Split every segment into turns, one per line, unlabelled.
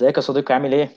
ازيك يا صديقي، عامل ايه؟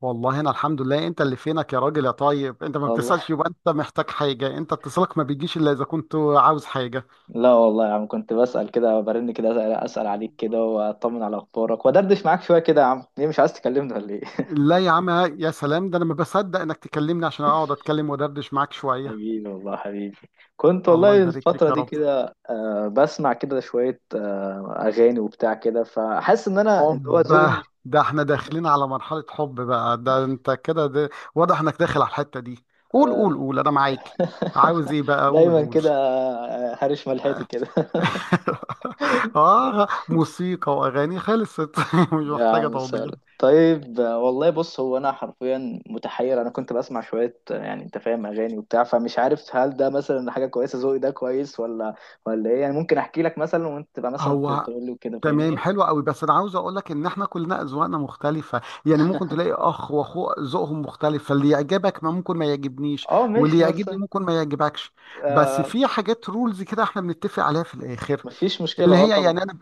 والله انا الحمد لله، انت اللي فينك يا راجل يا طيب، انت ما
والله.
بتسألش، يبقى انت محتاج حاجة، انت اتصالك ما بيجيش الا اذا كنت عاوز حاجة.
لا والله يا عم، كنت بسأل كده، برن كده أسأل عليك كده، واطمن على اخبارك وادردش معاك شوية كده. يا عم ليه مش عايز تكلمني ولا ايه؟
لا يا عم، يا سلام، ده انا ما بصدق انك تكلمني عشان اقعد اتكلم ودردش معاك شوية.
حبيبي والله، حبيبي. كنت
الله
والله
يبارك فيك
الفترة
يا
دي
رب.
كده بسمع كده شوية أغاني وبتاع كده، فحاسس إن أنا اللي هو ذوقي
اوبا،
مش...
ده احنا داخلين على مرحلة حب بقى، ده انت كده، ده واضح انك داخل على الحتة دي. قول قول قول انا معاك. عاوز ايه بقى؟ قول
دايما
قول.
كده، هرش ملحتي كده.
اه، موسيقى واغاني خلصت. مش
يا
محتاجة
عم سهل.
توضيح.
طيب، والله بص، هو انا حرفيا متحير، انا كنت بسمع شويه، يعني انت فاهم اغاني وبتاع، فمش عارف هل ده مثلا حاجه كويسه، ذوقي ده كويس ولا ايه؟ يعني ممكن احكي لك مثلا وانت تبقى مثلا
هو
تقول لي وكده،
تمام
فاهمني.
حلو قوي، بس انا عاوز اقول لك ان احنا كلنا اذواقنا مختلفه، يعني ممكن تلاقي اخ واخوه ذوقهم مختلف، فاللي يعجبك ما ممكن ما يعجبنيش،
اه
واللي
ماشي. بس
يعجبني ممكن ما يعجبكش. بس
آه
في حاجات رولز كده احنا بنتفق عليها في الاخر،
مفيش مشكله،
اللي
اه
هي
طبعا.
يعني انا،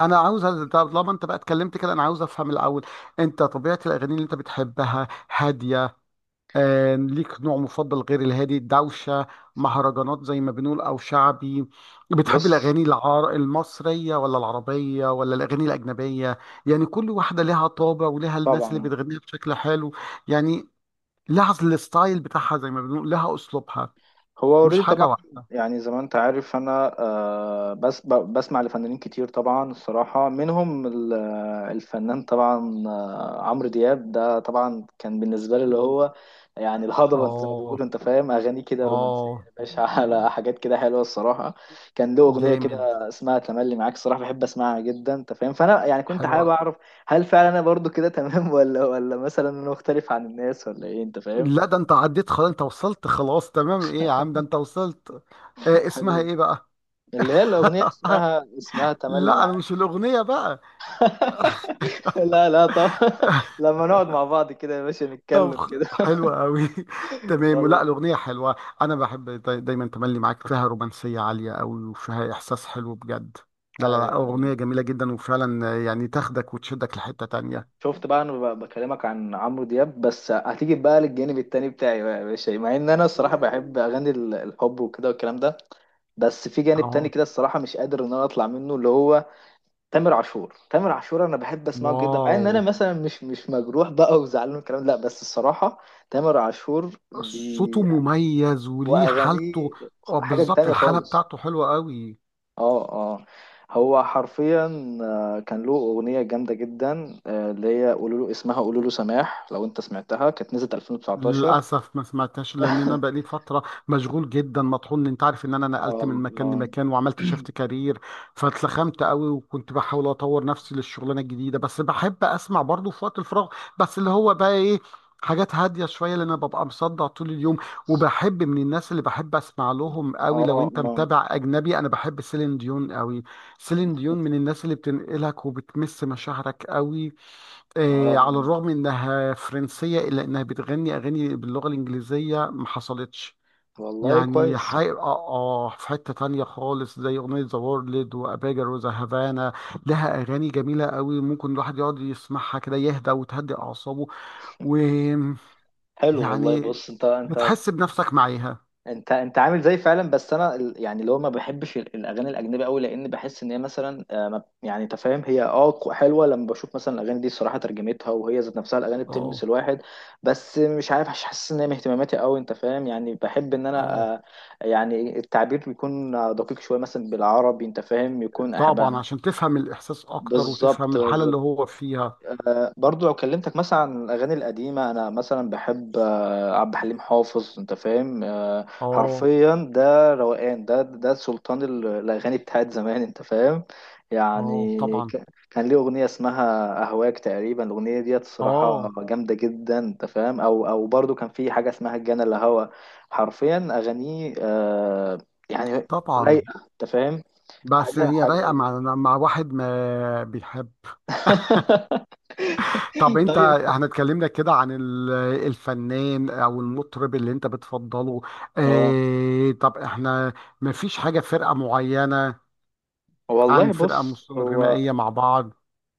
انا عاوز طالما انت بقى اتكلمت كده انا عاوز افهم الاول، انت طبيعه الاغاني اللي انت بتحبها هاديه، ليك نوع مفضل غير الهادي؟ الدوشة، مهرجانات زي ما بنقول، أو شعبي. بتحب
بص.
الأغاني المصرية ولا العربية ولا الأغاني الأجنبية؟ يعني كل واحدة لها طابع ولها الناس اللي
طبعا.
بتغنيها بشكل حلو، يعني لها الستايل بتاعها، زي ما بنقول لها أسلوبها،
هو
مش
اوريدي
حاجة
طبعا.
واحدة.
يعني زي ما انت عارف انا، بس بسمع لفنانين كتير طبعا، الصراحة منهم الفنان طبعا، عمرو دياب. ده طبعا كان بالنسبة لي اللي هو يعني الهضبة. انت زي ما بيقولوا
آه،
انت فاهم اغاني كده رومانسية
آه،
يا باشا، على حاجات كده حلوة الصراحة. كان له اغنية
جامد،
كده اسمها تملي معاك، الصراحة بحب اسمعها جدا، انت فاهم، فانا يعني كنت حابب
حلوة.
اعرف هل فعلا انا برضو كده تمام ولا مثلا انا مختلف عن الناس، ولا ايه، انت فاهم.
لا ده أنت عديت خلاص، أنت وصلت خلاص تمام، إيه يا عم، ده أنت وصلت. آه، اسمها
حبيبي.
إيه بقى؟
اللي هي الأغنية اسمها تملي
لا انا
معاك.
مش الاغنيه بقى.
لا لا، طب لما نقعد مع بعض كده يا باشا،
طب
نتكلم كده.
حلوه قوي، تمام، ولا
والله.
الاغنيه حلوه، انا بحب دايما تملي معاك، فيها رومانسيه عاليه قوي وفيها احساس حلو بجد. لا لا لا،
أيوه.
اغنيه جميله جدا، وفعلا يعني تاخدك وتشدك لحته تانية.
شفت بقى، انا بكلمك عن عمرو دياب، بس هتيجي بقى للجانب التاني بتاعي بقى يا باشا، مع ان انا الصراحه بحب اغاني الحب وكده والكلام ده. بس في جانب تاني
اه،
كده الصراحه مش قادر ان انا اطلع منه، اللي هو تامر عاشور. تامر عاشور انا بحب اسمعه جدا، مع ان انا
واو،
مثلا مش مجروح بقى وزعلان والكلام ده، لا بس الصراحه تامر عاشور
صوته
بي،
مميز وليه حالته.
واغانيه
اه
حاجه
بالظبط،
تانية
الحاله
خالص.
بتاعته حلوه قوي.
اه اه. هو حرفيا كان له اغنيه جامده جدا، اللي هي قولوا له، اسمها قولوا له سماح، لو انت سمعتها كانت نزلت 2019.
للأسف ما سمعتهاش لأن أنا بقالي فترة مشغول جدا مطحون، أنت عارف إن أنا نقلت
اه
من مكان
اه
لمكان وعملت شيفت كارير، فاتلخمت قوي، وكنت بحاول أطور نفسي للشغلانة الجديدة، بس بحب أسمع برضه في وقت الفراغ. بس اللي هو بقى إيه، حاجات هادية شوية، لأن أنا ببقى مصدع طول اليوم. وبحب من الناس اللي بحب أسمع لهم قوي، لو
اه اه
أنت متابع أجنبي، أنا بحب سيلين ديون قوي، سيلين ديون من الناس اللي بتنقلك وبتمس مشاعرك قوي. على
آه.
الرغم انها فرنسيه الا انها بتغني اغاني باللغه الانجليزيه، ما حصلتش
والله
يعني
كويس.
اه اه، في حته تانية خالص زي اغنيه ذا وورلد واباجر وذا هافانا، لها اغاني جميله قوي، ممكن الواحد يقعد يسمعها كده يهدى وتهدي اعصابه، ويعني
حلو والله. بص، انت انت
بتحس بنفسك معاها.
انت انت عامل زي فعلا، بس انا يعني اللي هو ما بحبش الاغاني الاجنبيه قوي، لان بحس ان هي مثلا يعني انت فاهم هي اه حلوه، لما بشوف مثلا الاغاني دي الصراحه ترجمتها، وهي ذات نفسها الاغاني بتلمس
اه
الواحد. بس مش عارف، مش حاسس ان هي من اهتماماتي قوي، انت فاهم، يعني بحب ان انا
اه،
يعني التعبير بيكون دقيق شويه مثلا بالعربي، انت فاهم، يكون
طبعا
أحبها.
عشان تفهم الاحساس اكتر وتفهم
بالظبط
الحاله اللي
بالظبط.
هو فيها.
برضو لو كلمتك مثلا عن الأغاني القديمة، أنا مثلا بحب عبد الحليم حافظ، أنت فاهم،
اه
حرفيا ده روقان، ده سلطان الأغاني بتاعت زمان، أنت فاهم.
اه،
يعني
طبعا.
كان ليه أغنية اسمها أهواك تقريبا، الأغنية ديت الصراحة
اه
جامدة جدا، أنت فاهم، أو برضو كان في حاجة اسمها الجنة، اللي هوا حرفيا أغانيه يعني
طبعا.
رايقة، أنت فاهم.
بس
حاجة
هي رايقة
حاجة.
مع مع واحد ما بيحب. طب انت،
طيب.
احنا اتكلمنا كده عن الفنان او المطرب اللي انت بتفضله،
اه
اه طب احنا ما فيش حاجة فرقة معينة،
والله
عن فرقة
بص. هو
غنائية مع بعض؟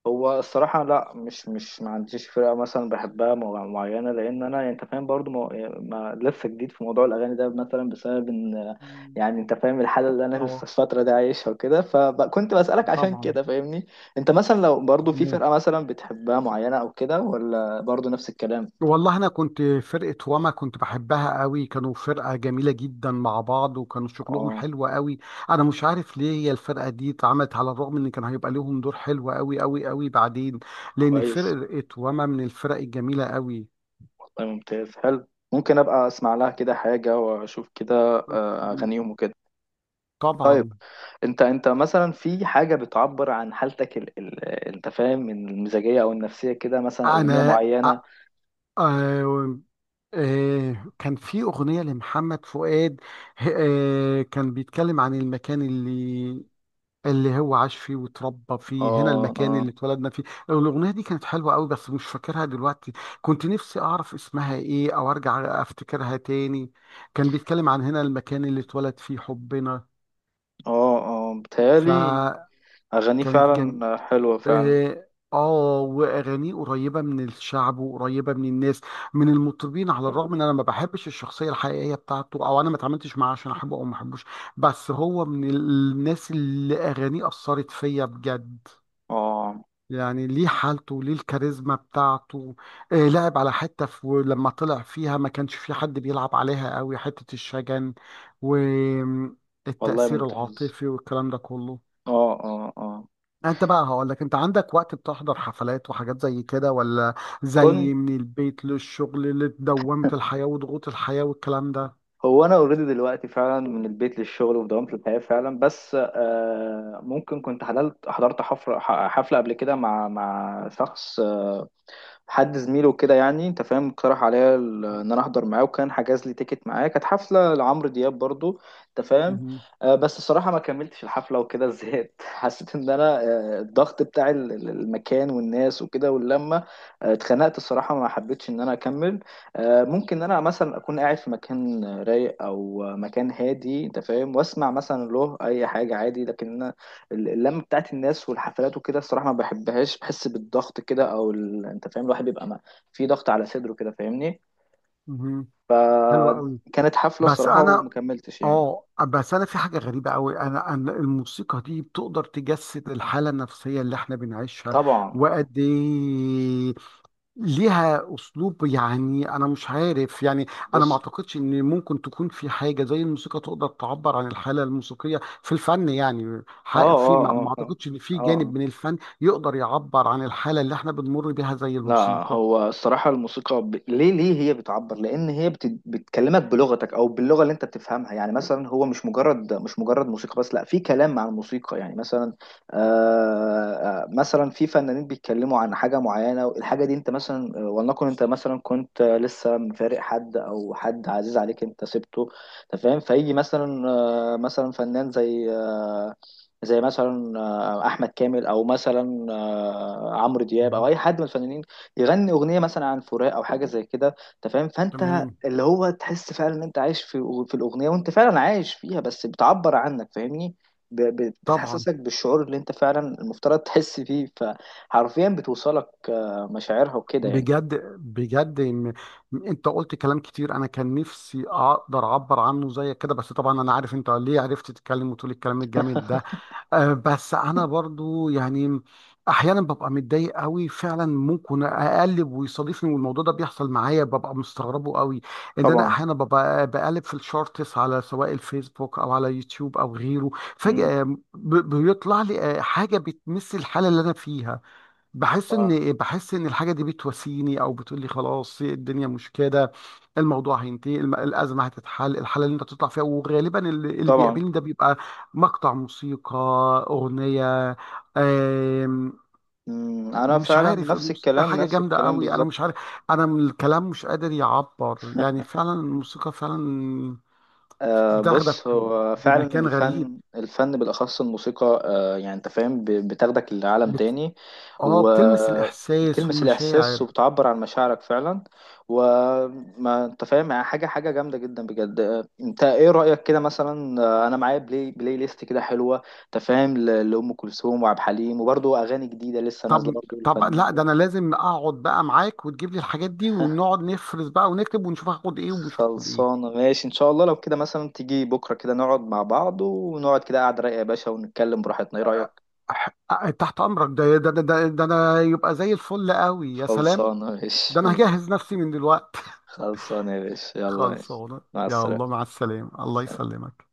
هو الصراحة لا، مش مش ما عنديش فرقة مثلا بحبها معينة، لأن أنا أنت فاهم برضو ما، لسه جديد في موضوع الأغاني ده مثلا بسبب إن، يعني أنت فاهم الحالة اللي أنا لسه
اه
الفترة دي عايشها وكده، فكنت بسألك عشان
طبعا،
كده فاهمني. أنت مثلا لو برضو في
تمام.
فرقة مثلا بتحبها معينة أو كده، ولا برضو نفس الكلام؟
والله انا كنت فرقه واما كنت بحبها قوي، كانوا فرقه جميله جدا مع بعض وكانوا شغلهم
أه
حلو قوي. انا مش عارف ليه هي الفرقه دي اتعملت، على الرغم ان كان هيبقى لهم دور حلو قوي قوي قوي بعدين، لان
كويس.
فرقه واما من الفرق الجميله قوي.
والله ممتاز. حلو. ممكن أبقى أسمع لها كده حاجة وأشوف كده أغانيهم وكده. طيب.
طبعا.
انت مثلا في حاجه بتعبر عن حالتك، انت فاهم، من المزاجيه او النفسيه كده، مثلا اغنيه
انا
معينه.
آه، آه، كان في اغنيه لمحمد فؤاد، آه كان بيتكلم عن المكان اللي، اللي هو عاش فيه واتربى فيه، هنا
اه
المكان
اه
اللي اتولدنا فيه. الأغنية دي كانت حلوة قوي بس مش فاكرها دلوقتي، كنت نفسي أعرف اسمها إيه أو أرجع أفتكرها تاني. كان بيتكلم عن هنا المكان اللي اتولد فيه حبنا،
اه اه، بتهيالي
فكانت
اغانيه
جم،
فعلا حلوه فعلا.
آه، آه، وأغانيه قريبة من الشعب وقريبة من الناس، من المطربين، على الرغم إن أنا ما بحبش الشخصية الحقيقية بتاعته، أو أنا ما اتعاملتش معاه عشان أحبه أو ما أحبوش، بس هو من الناس اللي أغانيه أثرت فيا بجد،
اه
يعني ليه حالته، ليه الكاريزما بتاعته. آه لعب على حتة في، لما طلع فيها ما كانش في حد بيلعب عليها قوي، حتة الشجن
والله
والتأثير
ممتاز.
العاطفي والكلام ده كله.
اه اه اه.
انت بقى هقول لك، انت عندك وقت بتحضر حفلات وحاجات زي كده ولا
كنت
زي من البيت للشغل لدوامة الحياة وضغوط الحياة والكلام ده؟
هو انا اوريدي دلوقتي فعلا من البيت للشغل ودوامة الحياه فعلا، بس آه ممكن كنت حضرت حفله قبل كده مع شخص، حد زميله كده يعني انت فاهم، اقترح عليا ان انا احضر معاه، وكان حجز لي تيكت معاه، كانت حفله لعمرو دياب برضو، انت فاهم.
مهم.
بس الصراحه ما كملتش الحفله وكده، زهقت. حسيت ان انا، الضغط بتاع المكان والناس وكده واللمه، اتخنقت الصراحه، ما حبيتش ان انا اكمل. ممكن ان انا مثلا اكون قاعد في مكان رايق او مكان هادي، انت فاهم، واسمع مثلا له اي حاجه عادي، لكن اللمه بتاعت الناس والحفلات وكده الصراحه ما بحبهاش، بحس بالضغط كده، او انت فاهم الواحد بيبقى ما... في ضغط على صدره كده، فاهمني.
مهم. حلو قوي،
فكانت حفله
بس
الصراحه
انا،
ومكملتش يعني.
اه بس انا في حاجه غريبه قوي، انا، انا الموسيقى دي بتقدر تجسد الحاله النفسيه اللي احنا بنعيشها،
طبعا.
وقد ايه ليها اسلوب، يعني انا مش عارف يعني، انا ما
بص.
اعتقدش ان ممكن تكون في حاجه زي الموسيقى تقدر تعبر عن الحاله الموسيقيه في الفن، يعني
اه
في
اه
ما
اه اه
اعتقدش ان في
اه
جانب
آه.
من الفن يقدر يعبر عن الحاله اللي احنا بنمر بيها زي
لا.
الموسيقى.
هو الصراحة الموسيقى ليه هي بتعبر؟ لأن هي بتكلمك بلغتك أو باللغة اللي أنت بتفهمها، يعني مثلا هو مش مجرد موسيقى بس، لا، في كلام مع الموسيقى. يعني مثلا آه... مثلا في فنانين بيتكلموا عن حاجة معينة، الحاجة دي أنت مثلا، ولنكن أنت مثلا كنت لسه مفارق حد، أو حد عزيز عليك أنت سبته، أنت فاهم؟ فيجي مثلا مثلا فنان زي زي مثلا احمد كامل، او مثلا عمرو دياب، او
مم.
اي حد من الفنانين، يغني اغنيه مثلا عن فراق او حاجه زي كده، انت فاهم، فانت
تمام.
اللي هو تحس فعلا ان انت عايش في الاغنيه، وانت فعلا عايش فيها، بس بتعبر عنك، فاهمني.
طبعا.
بتحسسك بالشعور اللي انت فعلا المفترض تحس فيه، فحرفيا بتوصلك مشاعرها وكده يعني.
بجد بجد، انت قلت كلام كتير انا كان نفسي اقدر اعبر عنه زيك كده، بس طبعا انا عارف انت ليه عرفت تتكلم وتقول الكلام الجامد ده. آه، بس انا برضو يعني احيانا ببقى متضايق قوي فعلا، ممكن اقلب ويصادفني، والموضوع ده بيحصل معايا، ببقى مستغربه قوي ان انا
طبعا.
احيانا ببقى بقلب في الشورتس على سواء الفيسبوك او على يوتيوب او غيره،
مم.
فجأة بيطلع لي، آه، حاجة بتمس الحالة اللي انا فيها، بحس
ف-
ان، بحس ان الحاجه دي بتواسيني او بتقول لي خلاص الدنيا مش كده، الموضوع هينتهي، الازمه هتتحل، الحاله اللي انت بتطلع فيها، وغالبا اللي
طبعا.
بيقابلني ده بيبقى مقطع موسيقى، اغنيه. آم،
مم. انا
مش
فعلا
عارف،
نفس
الموسيقى
الكلام،
حاجه
نفس
جامده
الكلام
قوي، انا مش
بالظبط.
عارف، انا من الكلام مش قادر يعبر، يعني فعلا الموسيقى فعلا بتاخدك
بص، هو فعلا
بمكان غريب،
الفن، الفن بالأخص الموسيقى، يعني أنت فاهم، بتاخدك لعالم
بت...
تاني،
اه بتلمس الاحساس
وبتلمس الإحساس،
والمشاعر.
وبتعبر عن مشاعرك فعلا. وما أنت فاهم يعني، حاجة حاجة جامدة جدا بجد. أنت إيه رأيك كده مثلا، أنا معايا بلاي ليست كده حلوة، أنت فاهم، لأم كلثوم وعبد الحليم، وبرضه أغاني جديدة لسه نازلة
طب،
برضه
طب
الفنانين
لا، ده
دول.
انا لازم اقعد بقى معاك وتجيب لي الحاجات دي ونقعد نفرز بقى ونكتب ونشوف هاخد ايه ومش هاخد ايه.
خلصانة ماشي إن شاء الله، لو كده مثلا تيجي بكرة كده نقعد مع بعض، ونقعد كده قعدة رايقة يا باشا، ونتكلم براحتنا، إيه رأيك؟
أه، تحت امرك، ده ده ده ده, ده انا يبقى زي الفل قوي، يا سلام،
خلصانة ماشي
ده انا
ماشي.
هجهز نفسي من دلوقتي.
خلصانة يا باشا، يلا ماشي.
خلصانه.
مع
يا الله
السلامة
مع السلامه، الله يسلمك.